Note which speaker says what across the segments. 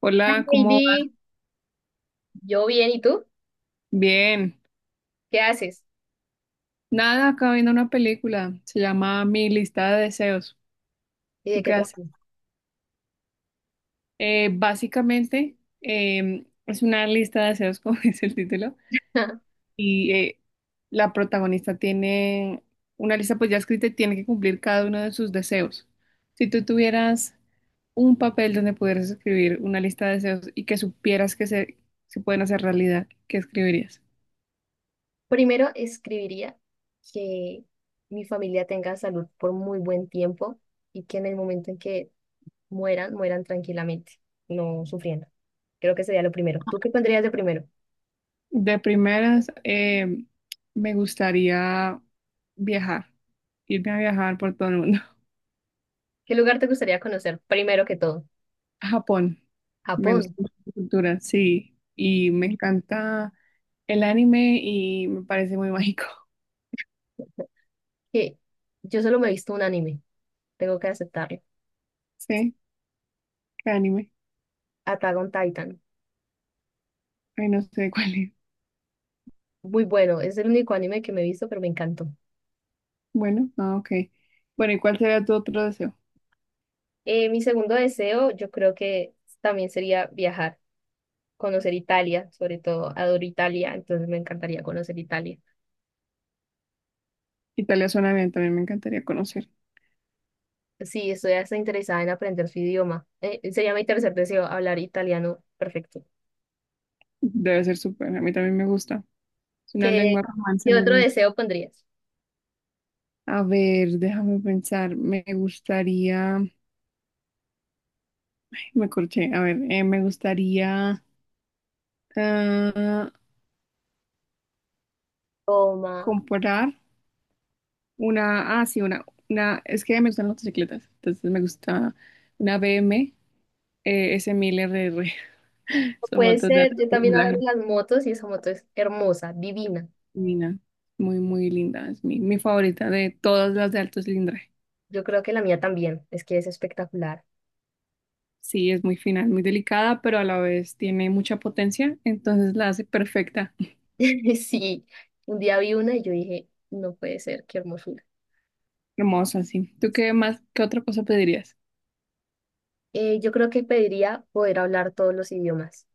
Speaker 1: Hola, ¿cómo va?
Speaker 2: Heidi, yo bien, ¿y tú?
Speaker 1: Bien.
Speaker 2: ¿Qué haces?
Speaker 1: Nada, acabo viendo una película. Se llama Mi lista de deseos.
Speaker 2: ¿Y
Speaker 1: ¿Tú
Speaker 2: de
Speaker 1: qué
Speaker 2: qué
Speaker 1: haces?
Speaker 2: trabajo?
Speaker 1: Básicamente, es una lista de deseos, como dice el título. Y la protagonista tiene una lista pues ya escrita y tiene que cumplir cada uno de sus deseos. Si tú tuvieras un papel donde pudieras escribir una lista de deseos y que supieras que se pueden hacer realidad, ¿qué escribirías?
Speaker 2: Primero escribiría que mi familia tenga salud por muy buen tiempo y que en el momento en que mueran, mueran tranquilamente, no sufriendo. Creo que sería lo primero. ¿Tú qué pondrías de primero?
Speaker 1: De primeras, me gustaría viajar, irme a viajar por todo el mundo.
Speaker 2: ¿Qué lugar te gustaría conocer primero que todo?
Speaker 1: A Japón, me gusta
Speaker 2: Japón,
Speaker 1: mucho la cultura, sí, y me encanta el anime y me parece muy mágico.
Speaker 2: que yo solo me he visto un anime, tengo que aceptarlo.
Speaker 1: ¿Sí? ¿Qué anime?
Speaker 2: Attack on Titan,
Speaker 1: Ay, no sé cuál es.
Speaker 2: muy bueno, es el único anime que me he visto, pero me encantó.
Speaker 1: Bueno, ok. Bueno, ¿y cuál sería tu otro deseo?
Speaker 2: Mi segundo deseo, yo creo que también sería viajar, conocer Italia, sobre todo adoro Italia, entonces me encantaría conocer Italia.
Speaker 1: Italia suena bien, también me encantaría conocer.
Speaker 2: Sí, estoy hasta interesada en aprender su idioma. Sería mi tercer deseo, hablar italiano perfecto.
Speaker 1: Debe ser súper, a mí también me gusta. Es una lengua
Speaker 2: ¿Qué,
Speaker 1: romance
Speaker 2: qué
Speaker 1: muy
Speaker 2: otro
Speaker 1: bonita.
Speaker 2: deseo pondrías?
Speaker 1: A ver, déjame pensar, me gustaría... Me corché. A ver, me gustaría, ah,
Speaker 2: Toma.
Speaker 1: comprar una. Ah, sí, una. Es que me gustan las motocicletas. Entonces me gusta una BM, S1000 RR. Son
Speaker 2: Puede
Speaker 1: motos de
Speaker 2: ser,
Speaker 1: alto
Speaker 2: yo también
Speaker 1: cilindraje.
Speaker 2: adoro las motos y esa moto es hermosa, divina.
Speaker 1: Divina. Muy, muy linda. Es mi favorita de todas las de alto cilindraje.
Speaker 2: Yo creo que la mía también, es que es espectacular.
Speaker 1: Sí, es muy fina, es muy delicada, pero a la vez tiene mucha potencia. Entonces la hace perfecta.
Speaker 2: Sí, un día vi una y yo dije, no puede ser, qué hermosura.
Speaker 1: Hermosa, sí. ¿Tú qué más? ¿Qué otra cosa pedirías?
Speaker 2: Yo creo que pediría poder hablar todos los idiomas.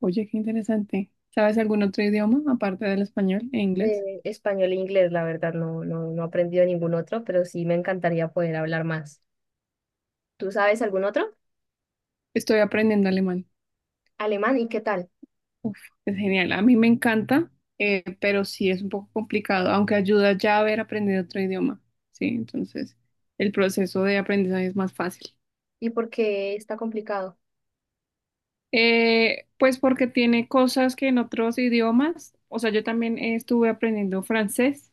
Speaker 1: Oye, qué interesante. ¿Sabes algún otro idioma aparte del español e inglés?
Speaker 2: Español e inglés, la verdad, no, no, no he aprendido ningún otro, pero sí me encantaría poder hablar más. ¿Tú sabes algún otro?
Speaker 1: Estoy aprendiendo alemán.
Speaker 2: Alemán, ¿y qué tal?
Speaker 1: Uf, es genial. A mí me encanta, pero sí es un poco complicado, aunque ayuda ya haber aprendido otro idioma. Sí, entonces el proceso de aprendizaje es más fácil.
Speaker 2: ¿Y por qué está complicado?
Speaker 1: Pues porque tiene cosas que en otros idiomas, o sea, yo también, estuve aprendiendo francés,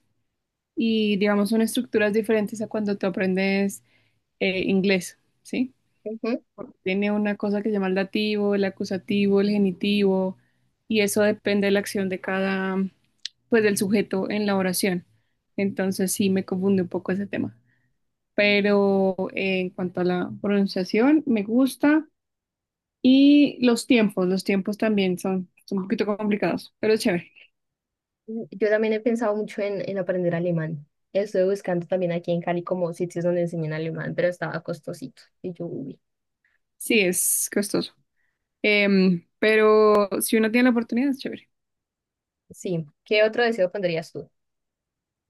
Speaker 1: y digamos son estructuras diferentes a cuando tú aprendes, inglés, ¿sí?
Speaker 2: Ujú.
Speaker 1: Tiene una cosa que se llama el dativo, el acusativo, el genitivo, y eso depende de la acción de cada, pues, del sujeto en la oración. Entonces sí me confunde un poco ese tema. Pero en cuanto a la pronunciación, me gusta. Y los tiempos también son un poquito complicados, pero es chévere.
Speaker 2: Yo también he pensado mucho en aprender alemán. Estuve buscando también aquí en Cali como sitios donde enseñan alemán, pero estaba costosito. Y yo, uy.
Speaker 1: Sí, es costoso. Pero si uno tiene la oportunidad, es chévere.
Speaker 2: Sí. ¿Qué otro deseo pondrías tú?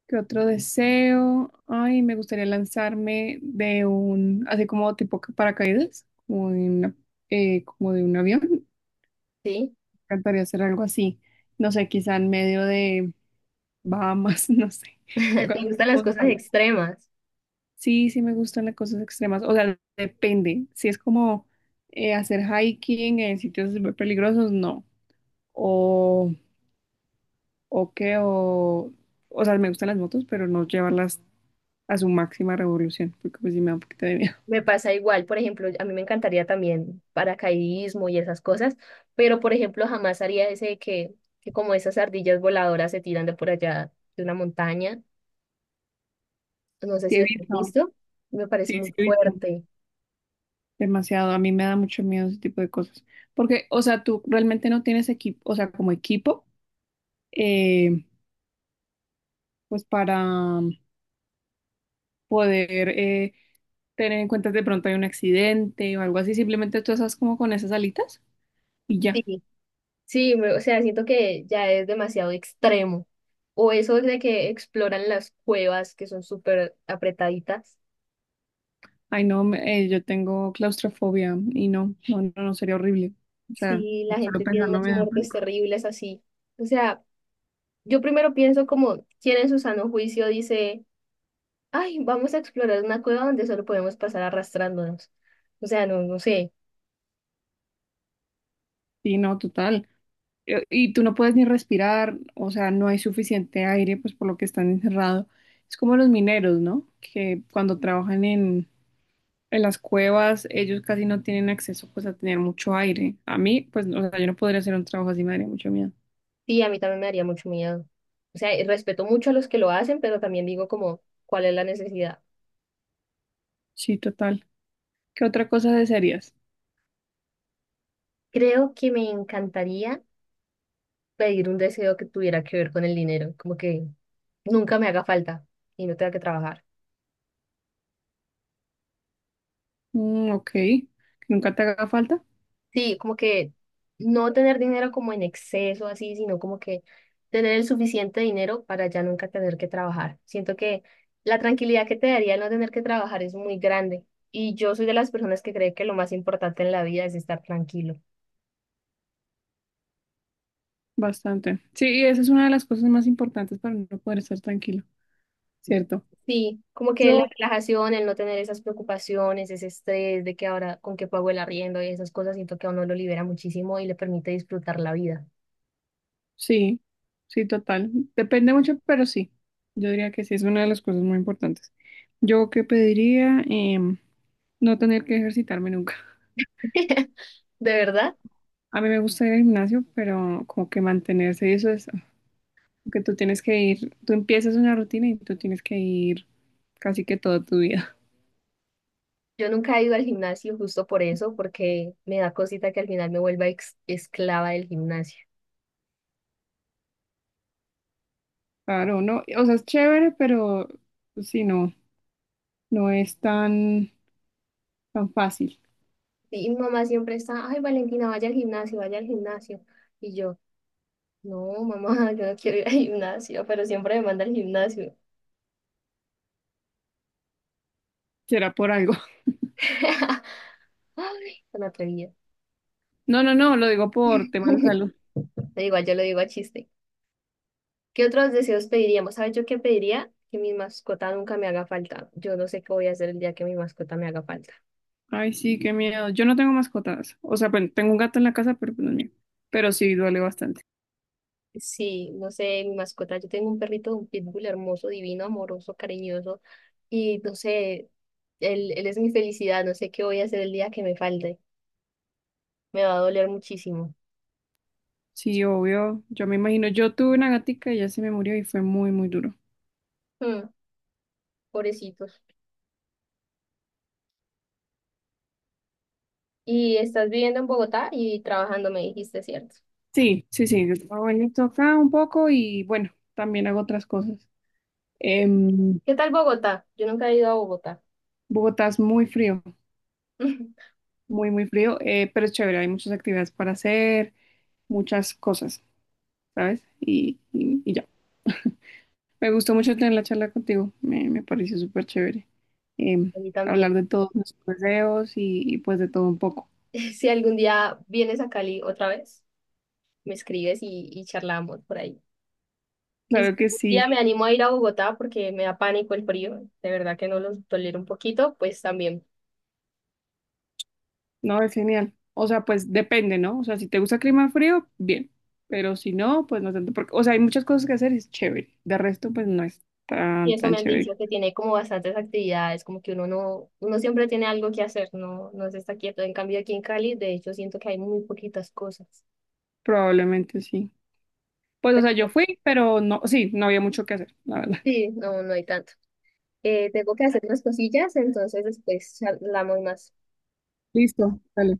Speaker 1: ¿Qué otro deseo? Ay, me gustaría lanzarme de así como tipo paracaídas, como de un avión. Me
Speaker 2: ¿Sí?
Speaker 1: encantaría hacer algo así. No sé, quizá en medio de Bahamas, no sé.
Speaker 2: ¿Te
Speaker 1: Algo así
Speaker 2: gustan las
Speaker 1: como
Speaker 2: cosas
Speaker 1: súper-
Speaker 2: extremas?
Speaker 1: Sí, sí me gustan las cosas extremas. O sea, depende. Si es como, hacer hiking en sitios súper peligrosos, no. O, o qué, o, o sea, me gustan las motos, pero no llevarlas a su máxima revolución, porque pues sí me da un poquito de miedo.
Speaker 2: Me pasa igual, por ejemplo, a mí me encantaría también paracaidismo y esas cosas, pero por ejemplo jamás haría ese de que como esas ardillas voladoras se tiran de por allá de una montaña, no sé
Speaker 1: Sí,
Speaker 2: si
Speaker 1: he
Speaker 2: lo has
Speaker 1: visto,
Speaker 2: visto, me
Speaker 1: sí,
Speaker 2: parece muy
Speaker 1: sí, he visto.
Speaker 2: fuerte.
Speaker 1: Demasiado, a mí me da mucho miedo ese tipo de cosas. Porque, o sea, tú realmente no tienes equipo, o sea, como equipo, eh, pues para poder, tener en cuenta de pronto hay un accidente o algo así, simplemente tú estás como con esas alitas y ya.
Speaker 2: Sí, sí, me- o sea, siento que ya es demasiado extremo. O eso de que exploran las cuevas que son súper apretaditas.
Speaker 1: Ay, no, yo tengo claustrofobia y no, no, no, no, sería horrible. O sea,
Speaker 2: Sí, la
Speaker 1: solo
Speaker 2: gente tiene
Speaker 1: pensarlo
Speaker 2: unas
Speaker 1: me da
Speaker 2: muertes
Speaker 1: pánico.
Speaker 2: terribles así. O sea, yo primero pienso como, ¿quién en su sano juicio dice... ay, vamos a explorar una cueva donde solo podemos pasar arrastrándonos. O sea, no, no sé.
Speaker 1: Sí, no, total. Y tú no puedes ni respirar, o sea, no hay suficiente aire, pues por lo que están encerrados. Es como los mineros, ¿no? Que cuando trabajan en, las cuevas, ellos casi no tienen acceso, pues, a tener mucho aire. A mí, pues, o sea, yo no podría hacer un trabajo así, me daría mucho miedo.
Speaker 2: Sí, a mí también me daría mucho miedo. O sea, y respeto mucho a los que lo hacen, pero también digo como, ¿cuál es la necesidad?
Speaker 1: Sí, total. ¿Qué otra cosa desearías?
Speaker 2: Creo que me encantaría pedir un deseo que tuviera que ver con el dinero, como que nunca me haga falta y no tenga que trabajar.
Speaker 1: Mm, ok, que nunca te haga falta.
Speaker 2: Sí, como que no tener dinero como en exceso, así, sino como que tener el suficiente dinero para ya nunca tener que trabajar. Siento que la tranquilidad que te daría el no tener que trabajar es muy grande. Y yo soy de las personas que cree que lo más importante en la vida es estar tranquilo.
Speaker 1: Bastante. Sí, y esa es una de las cosas más importantes para no poder estar tranquilo, ¿cierto?
Speaker 2: Sí, como que la
Speaker 1: Yo,
Speaker 2: relajación, el no tener esas preocupaciones, ese estrés de que ahora con qué pago el arriendo y esas cosas, siento que a uno lo libera muchísimo y le permite disfrutar la vida.
Speaker 1: Sí, sí, total. Depende mucho, pero sí. Yo diría que sí, es una de las cosas muy importantes. Yo que pediría, no tener que ejercitarme nunca.
Speaker 2: ¿De verdad?
Speaker 1: A mí me gusta ir al gimnasio, pero como que mantenerse, y eso es, que tú tienes que ir, tú empiezas una rutina y tú tienes que ir casi que toda tu vida.
Speaker 2: Yo nunca he ido al gimnasio justo por eso, porque me da cosita que al final me vuelva ex- esclava del gimnasio.
Speaker 1: Claro, no, o sea, es chévere, pero sí, no, no es tan, tan fácil.
Speaker 2: Y mi mamá siempre está, ay, Valentina, vaya al gimnasio, vaya al gimnasio. Y yo, no, mamá, yo no quiero ir al gimnasio, pero siempre me manda al gimnasio.
Speaker 1: Será por algo.
Speaker 2: Ay, tan atrevida.
Speaker 1: No, no, no, lo digo por temas de salud.
Speaker 2: Pero igual yo lo digo a chiste. ¿Qué otros deseos pediríamos? ¿Sabes yo qué pediría? Que mi mascota nunca me haga falta. Yo no sé qué voy a hacer el día que mi mascota me haga falta.
Speaker 1: Ay, sí, qué miedo. Yo no tengo mascotas. O sea, bueno, tengo un gato en la casa, pero pues no es mío. Pero sí, duele bastante.
Speaker 2: Sí, no sé, mi mascota, yo tengo un perrito, un pitbull hermoso, divino, amoroso, cariñoso, y no sé, él es mi felicidad, no sé qué voy a hacer el día que me falte, me va a doler muchísimo.
Speaker 1: Sí, obvio. Yo me imagino, yo tuve una gatica y ya se me murió y fue muy, muy duro.
Speaker 2: Mm, pobrecitos. Y estás viviendo en Bogotá y trabajando, me dijiste, ¿cierto?
Speaker 1: Sí, sí, sí. Yo trabajo en esto acá un poco y bueno, también hago otras cosas. Em,
Speaker 2: ¿Qué tal Bogotá? Yo nunca he ido a Bogotá.
Speaker 1: Bogotá es muy frío, muy, muy frío, pero es chévere. Hay muchas actividades para hacer, muchas cosas, ¿sabes? Y ya. Me gustó mucho tener la charla contigo, me pareció súper chévere, em,
Speaker 2: A mí
Speaker 1: hablar
Speaker 2: también.
Speaker 1: de todos nuestros deseos y pues de todo un poco.
Speaker 2: Si algún día vienes a Cali otra vez, me escribes y charlamos por ahí. Y si
Speaker 1: Claro que
Speaker 2: algún día
Speaker 1: sí,
Speaker 2: me animo a ir a Bogotá porque me da pánico el frío, de verdad que no los tolero un poquito, pues también.
Speaker 1: no, es genial. O sea, pues depende, ¿no? O sea, si te gusta el clima frío, bien, pero si no, pues no tanto, porque, o sea, hay muchas cosas que hacer, es chévere. De resto, pues no es
Speaker 2: Y
Speaker 1: tan,
Speaker 2: eso
Speaker 1: tan
Speaker 2: me han
Speaker 1: chévere.
Speaker 2: dicho que tiene como bastantes actividades, como que uno no, uno siempre tiene algo que hacer, no, no se está quieto. En cambio aquí en Cali, de hecho, siento que hay muy poquitas cosas.
Speaker 1: Probablemente sí. Pues, o sea, yo
Speaker 2: Pero
Speaker 1: fui, pero no, sí, no había mucho que hacer, la verdad.
Speaker 2: sí, no, no hay tanto. Tengo que hacer unas cosillas, entonces después charlamos más.
Speaker 1: Listo, dale.